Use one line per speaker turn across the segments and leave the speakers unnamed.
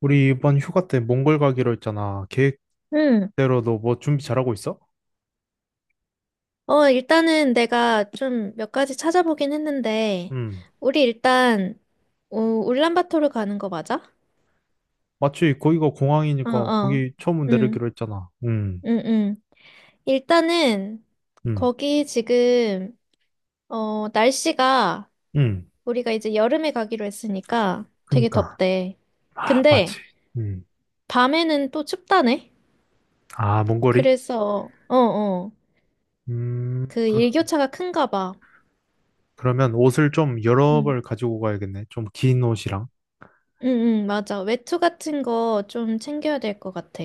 우리 이번 휴가 때 몽골 가기로 했잖아. 계획대로
응.
너 뭐 준비 잘하고 있어?
일단은 내가 좀 몇 가지 찾아보긴 했는데,
응.
우리 일단, 울란바토르 가는 거 맞아?
마치 거기가
어,
공항이니까
어.
거기 처음
응,
내리기로 했잖아. 응,
응, 응. 일단은,
응,
거기 지금, 날씨가,
응.
우리가 이제 여름에 가기로 했으니까 되게
그니까.
덥대.
아, 맞지.
근데,
응.
밤에는 또 춥다네?
아, 몽골이?
그래서, 어, 어.
음,
그
그,
일교차가 큰가 봐.
그러면 옷을 좀 여러
응,
벌 가지고 가야겠네. 좀 긴 옷이랑.
응, 응, 맞아. 외투 같은 거 좀 챙겨야 될 것 같아.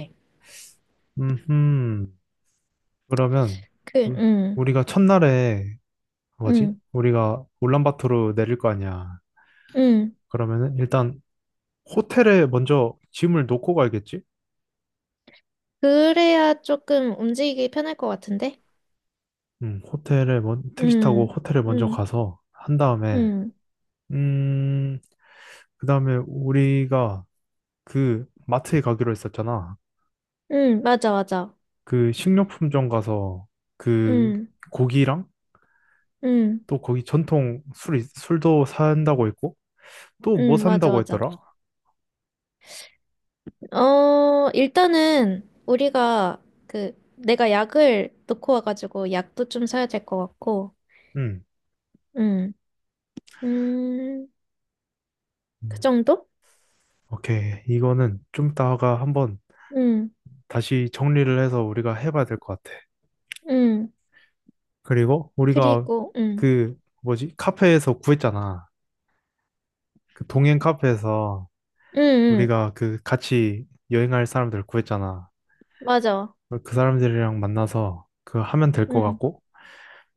음, 음. 그러면
그,
우-
응,
우리가 첫날에 뭐지?
응,
우리가 울란바토르 내릴 거 아니야.
응.
그러면은 일단 호텔에 먼저 짐을 놓고 가야겠지?
그래야 조금 움직이기 편할 것 같은데?
택시 타고
응,
호텔에 먼저
응,
가서 한 다음에
응,
음, 그다음에 우리가 그 마트에 가기로 했었잖아.
응, 맞아, 맞아.
그 식료품점 가서 그
응,
고기랑
응,
또 거기 전통 술도 산다고 했고 또 뭐
응, 맞아,
산다고
맞아.
했더라?
일단은 우리가 그, 내가 약을 놓고 와가지고 약도 좀 사야 될 것 같고,
음.
응, 음, 그
음.
정도?
오케이. 이거는 좀 이따가 한번
응,
다시 정리를 해서 우리가 해봐야 될 것 같아.
응.
그리고 우리가
그리고, 응,
그 뭐지? 카페에서 구했잖아. 그 동행 카페에서
응, 응,
우리가 그 같이 여행할 사람들 구했잖아.
맞아.
그 사람들이랑 만나서 그 하면 될 것
응,
같고,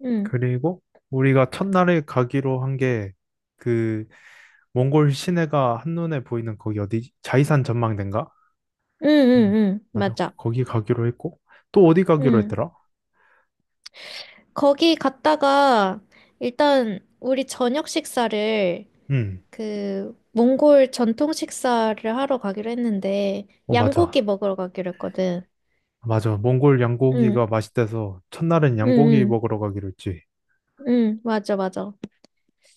응,
그리고 우리가 첫날에 가기로 한 게 그 몽골 시내가 한눈에 보이는 거기 어디 자이산 전망대인가?
응, 응,
음,
응,
맞아.
맞아.
거기 가기로 했고, 또 어디 가기로
응.
했더라?
거기 갔다가 일단 우리 저녁 식사를
음,
그 몽골 전통 식사를 하러 가기로 했는데
어, 맞아.
양고기 먹으러 가기로 했거든.
맞아. 몽골
응,
양고기가 맛있대서 첫날은
응,
양고기
응,
먹으러 가기로 했지.
응, 맞아, 맞아.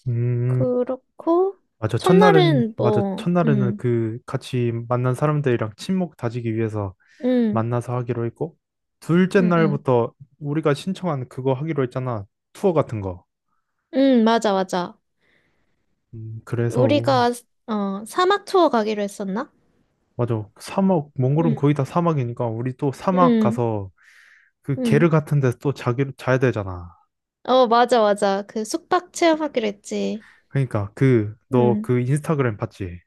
음,
그렇고
맞아. 첫날은,
첫날은
맞아.
뭐,
첫날에는
응,
그 같이 만난 사람들이랑 친목 다지기 위해서
응,
만나서 하기로 했고, 둘째
응, 응,
날부터 우리가 신청한 그거 하기로 했잖아. 투어 같은 거.
응, 맞아, 맞아.
그래서,
우리가 사막 투어 가기로 했었나?
맞아. 사막, 몽골은
응,
거의 다 사막이니까, 우리 또 사막
응,
가서 그 게르
응.
같은 데서 또 자야 되잖아.
어, 맞아, 맞아. 그 숙박 체험하기로 했지.
그러니까, 그, 너
응,
그 인스타그램 봤지?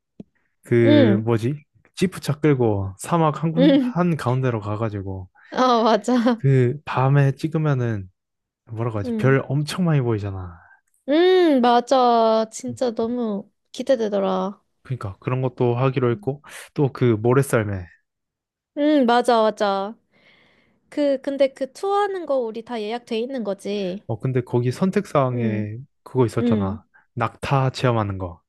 그,
응,
뭐지? 지프차 끌고 사막
응.
한 가운데로 가가지고,
아, 맞아.
그, 밤에 찍으면은, 뭐라고 하지?
응.
별 엄청 많이 보이잖아.
맞아. 진짜 너무 기대되더라.
그러니까, 그런 것도 하기로
음.
했고, 또 그 모래썰매.
응, 맞아, 맞아. 그, 근데 그 투어하는 거 우리 다 예약돼 있는 거지.
어, 근데 거기
응,
선택사항에 그거
응.
있었잖아. 낙타 체험하는 거.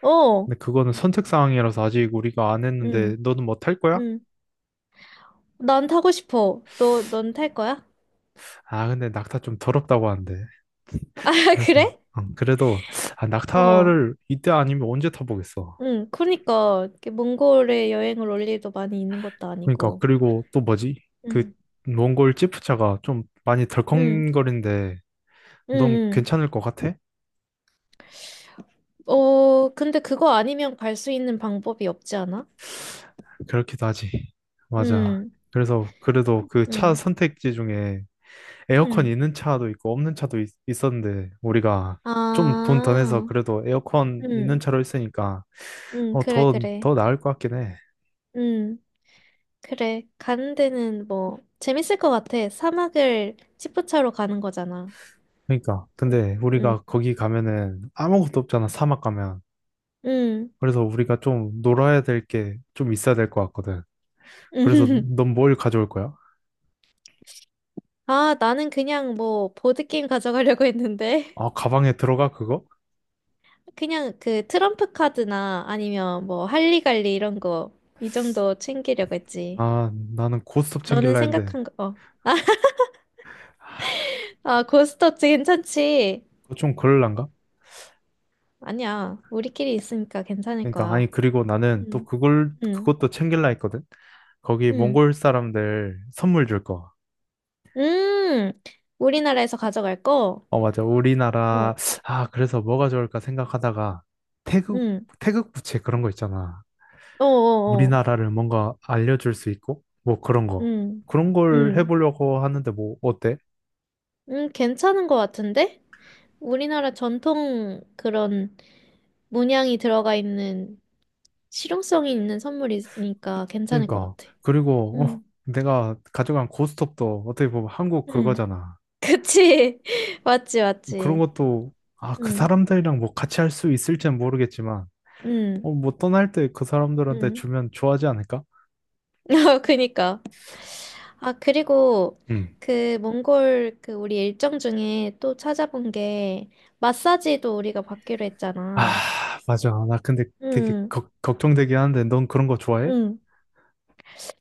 어,
근데 그거는 선택사항이라서 아직 우리가 안
응,
했는데 너는 뭐 탈 거야?
응. 난 타고 싶어. 넌 탈 거야?
아, 근데 낙타 좀 더럽다고 하는데.
아,
그래서,
그래?
그래도, 아,
어,
낙타를 이때 아니면 언제 타보겠어.
응. 그러니까, 이렇게 몽골에 여행을 올 일도 많이 있는 것도
그러니까,
아니고.
그리고 또 뭐지? 그
응,
몽골 찌푸차가 좀 많이
응,
덜컹거린데
응,
넌
응.
괜찮을 것 같아?
근데 그거 아니면 갈 수 있는 방법이 없지 않아?
그렇기도 하지. 맞아.
응,
그래서 그래도 그 차
응.
선택지 중에 에어컨
응.
있는 차도 있고 없는 었는데 우리가 좀 돈 더 내서
아,
그래도 에어컨 있는
응.
차로 했으니까
응,
어,
그래, 그래.
더 나을 것 같긴 해.
응, 그래. 가는 데는 뭐, 재밌을 것 같아. 사막을 지프차로 가는 거잖아.
그러니까
그럼,
근데
응,
우리가 거기 가면은 아무것도 없잖아 사막 가면.
응.
그래서 우리가 좀 놀아야 될 게 좀 있어야 될 것 같거든. 그래서 넌 뭘 가져올 거야?
아, 나는 그냥 뭐, 보드게임 가져가려고 했는데.
아 가방에 들어가 그거?
그냥 그 트럼프 카드나 아니면 뭐, 할리갈리 이런 거, 이 정도 챙기려고 했지.
아 나는 고스톱
너는
챙길라 했는데
생각한 거, 어.
아,
아, 고스톱 괜찮지?
그거 좀 그럴란가?
아니야. 우리끼리 있으니까 괜찮을
그러니까
거야.
아니 그리고 나는 또
응,
그걸
응.
그것도 챙길라 했거든. 거기
응
몽골 사람들 선물 줄 거.
음. 우리나라에서 가져갈 거?
어 맞아. 우리나라
어.
아 그래서 뭐가 좋을까 생각하다가 태극
응
태극 부채 그런 거 있잖아.
어어어.
우리나라를 뭔가 알려줄 수 있고 뭐 그런 거
응
그런 걸
응
해보려고 하는데 뭐 어때?
응 괜찮은 것 같은데? 우리나라 전통 그런 문양이 들어가 있는 실용성이 있는 선물이니까 괜찮을 것
그러니까
같아.
그리고 어,
응
내가 가져간 고스톱도 어떻게 보면 한국
응
그거잖아.
그치? 맞지,
그런
맞지.
것도 아 그
응
사람들이랑 뭐 같이 할 수 있을지는 모르겠지만.
응
어, 뭐 떠날 때 그 사람들한테
응
주면 좋아하지 않을까?
어, 그니까. 아, 그리고
음.
그 몽골 그 우리 일정 중에 또 찾아본 게 마사지도 우리가 받기로
아,
했잖아.
맞아. 나 근데 되게
응,
걱정되긴 하는데, 넌 그런 거 좋아해?
응.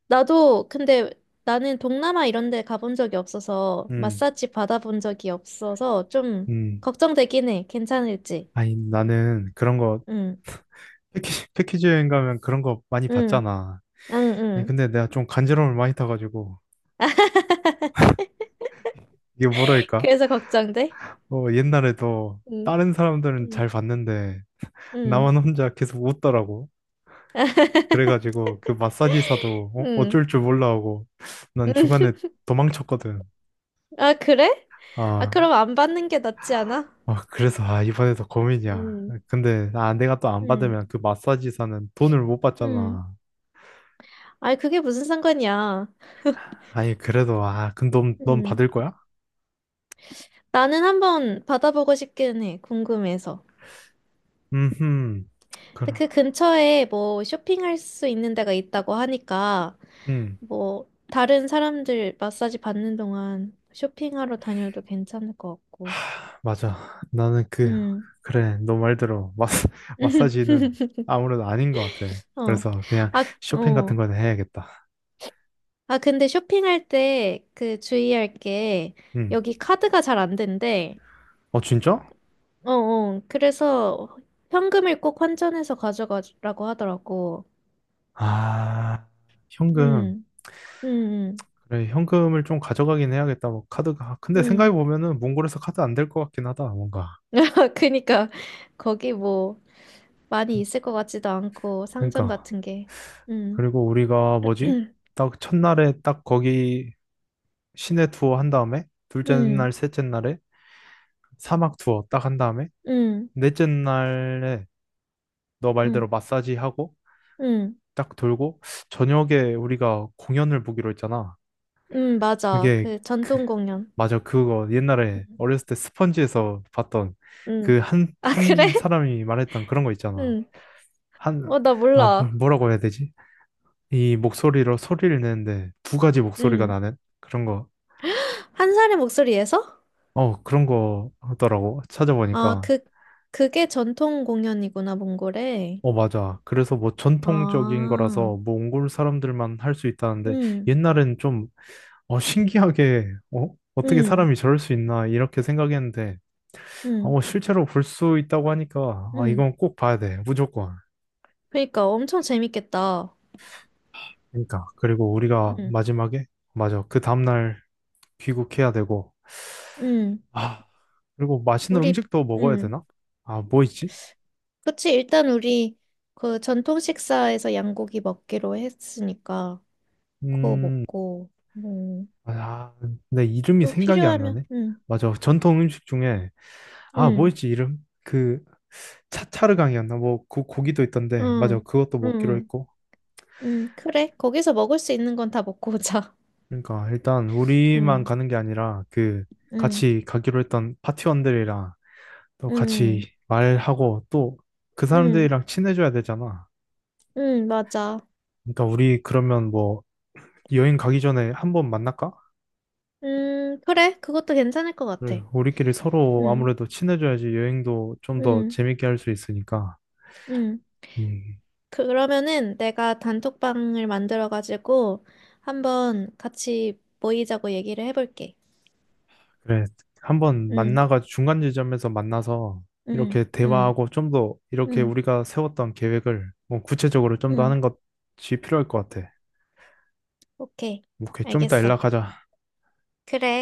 나도 근데 나는 동남아 이런 데 가본 적이 없어서
음.
마사지 받아본 적이 없어서 좀
음,
걱정되긴 해. 괜찮을지.
아니, 나는 그런 거,
응,
패키지 여행 가면 그런 거 많이
응,
봤잖아.
응,
아니,
응.
근데 내가 좀 간지러움을 많이 타가지고, 이게 뭐랄까?
그래서 걱정돼?
어, 옛날에도
응,
다른 사람들은 잘
응,
봤는데,
응.
나만 혼자 계속 웃더라고. 그래가지고, 그 마사지사도 어?
응.
어쩔 줄 몰라 하고, 난 중간에 도망쳤거든.
아, 그래? 아,
아,
그럼 안 받는 게 낫지 않아?
아, 그래서, 아, 이번에도 고민이야.
응.
근데, 아, 내가 또 안
음,
받으면 그 마사지사는 돈을 못
음.
받잖아.
아이, 그게 무슨 상관이야.
아니, 그래도, 아, 그럼 넌
음.
받을 거야?
나는 한번 받아보고 싶기는 해, 궁금해서.
음흠.
근데
그럼,
그 근처에 뭐 쇼핑할 수 있는 데가 있다고 하니까,
음.
뭐, 다른 사람들 마사지 받는 동안 쇼핑하러 다녀도 괜찮을 것 같고.
하, 맞아. 나는 그,
음.
그래, 너 말대로, 마사지는 아무래도 아닌 것 같아.
어.
그래서 그냥
아,
쇼핑 같은
어.
거는 해야겠다.
아, 근데 쇼핑할 때 그 주의할 게,
음.
여기 카드가 잘 안 된대.
어, 진짜?
어, 어. 그래서 현금을 꼭 환전해서 가져가라고 하더라고.
아, 현금.
응, 응, 응,
그래, 현금을 좀 가져가긴 해야겠다. 뭐, 카드가. 근데
응.
생각해보면은, 몽골에서 카드 안 될 것 같긴 하다, 뭔가.
그니까 거기 뭐 많이 있을 것 같지도 않고 상점
그러니까.
같은 게. 응,
그리고 우리가 뭐지?
응,
딱 첫날에 딱 거기 시내 투어 한 다음에 둘째 날, 셋째 날에 사막 투어 딱 한 다음에
응,
넷째 날에 너 말대로
응,
마사지 하고
응,
딱 돌고 저녁에 우리가 공연을 보기로 했잖아.
응, 맞아.
그게
그 전통 공연.
맞아 그거 옛날에
응,
어렸을 때 스펀지에서 봤던
응.
그
아,
한
그래?
사람이 말했던 그런 거 있잖아.
응.
한
어, 나
아
몰라.
뭐라고 해야 되지? 이 목소리로 소리를 내는데 두 가지 목소리가
응.
나는 그런 거
한 사람의 목소리에서?
어, 그런 거 하더라고.
아,
찾아보니까.
그, 그게 전통 공연이구나, 몽골에.
어, 맞아. 그래서 뭐 전통적인
아.
거라서 몽골 사람들만 할 수 있다는데
응,
옛날엔 좀 어, 신기하게 어? 어떻게
응,
사람이 저럴 수 있나 이렇게 생각했는데
응,
어, 실제로 볼 수 있다고 하니까 아,
응.
이건 꼭 봐야 돼. 무조건.
그러니까 엄청 재밌겠다.
그러니까. 그리고 우리가
응,
마지막에 맞아. 그 다음날 귀국해야 되고
응.
아, 그리고 맛있는
우리,
음식도 먹어야
응.
되나? 아, 뭐 있지?
그치, 일단 우리 그 전통 식사에서 양고기 먹기로 했으니까 그거
음,
먹고, 뭐,
아, 내 이름이
또
생각이 안
필요하면,
나네.
응,
맞아. 전통 음식 중에 아,
응,
뭐였지 이름? 그 차차르강이었나? 뭐 그 고기도 있던데. 맞아.
응,
그것도 먹기로
응,
했고.
응. 그래, 거기서 먹을 수 있는 건 다 먹고 오자.
그러니까 일단 우리만
응,
가는 게 아니라 그
응,
같이 가기로 했던 파티원들이랑 또
응,
같이 말하고 또 그
응,
사람들이랑 친해져야 되잖아.
응, 맞아.
그러니까 우리 그러면 뭐 여행 가기 전에 한번 만날까?
그래, 그것도 괜찮을 것 같아.
그래, 우리끼리 서로
응,
아무래도 친해져야지 여행도 좀 더
응,
재밌게 할 수 있으니까.
응.
음.
그러면은 내가 단톡방을 만들어가지고 한번 같이 모이자고 얘기를 해볼게.
그래, 한번
응,
만나가 중간 지점에서 만나서
응,
이렇게
응,
대화하고 좀 더 이렇게
응,
우리가 세웠던 계획을 뭐 구체적으로 좀 더
응.
하는 것이 필요할 것 같아.
오케이.
오케이, 좀 이따
알겠어.
연락하자.
그래.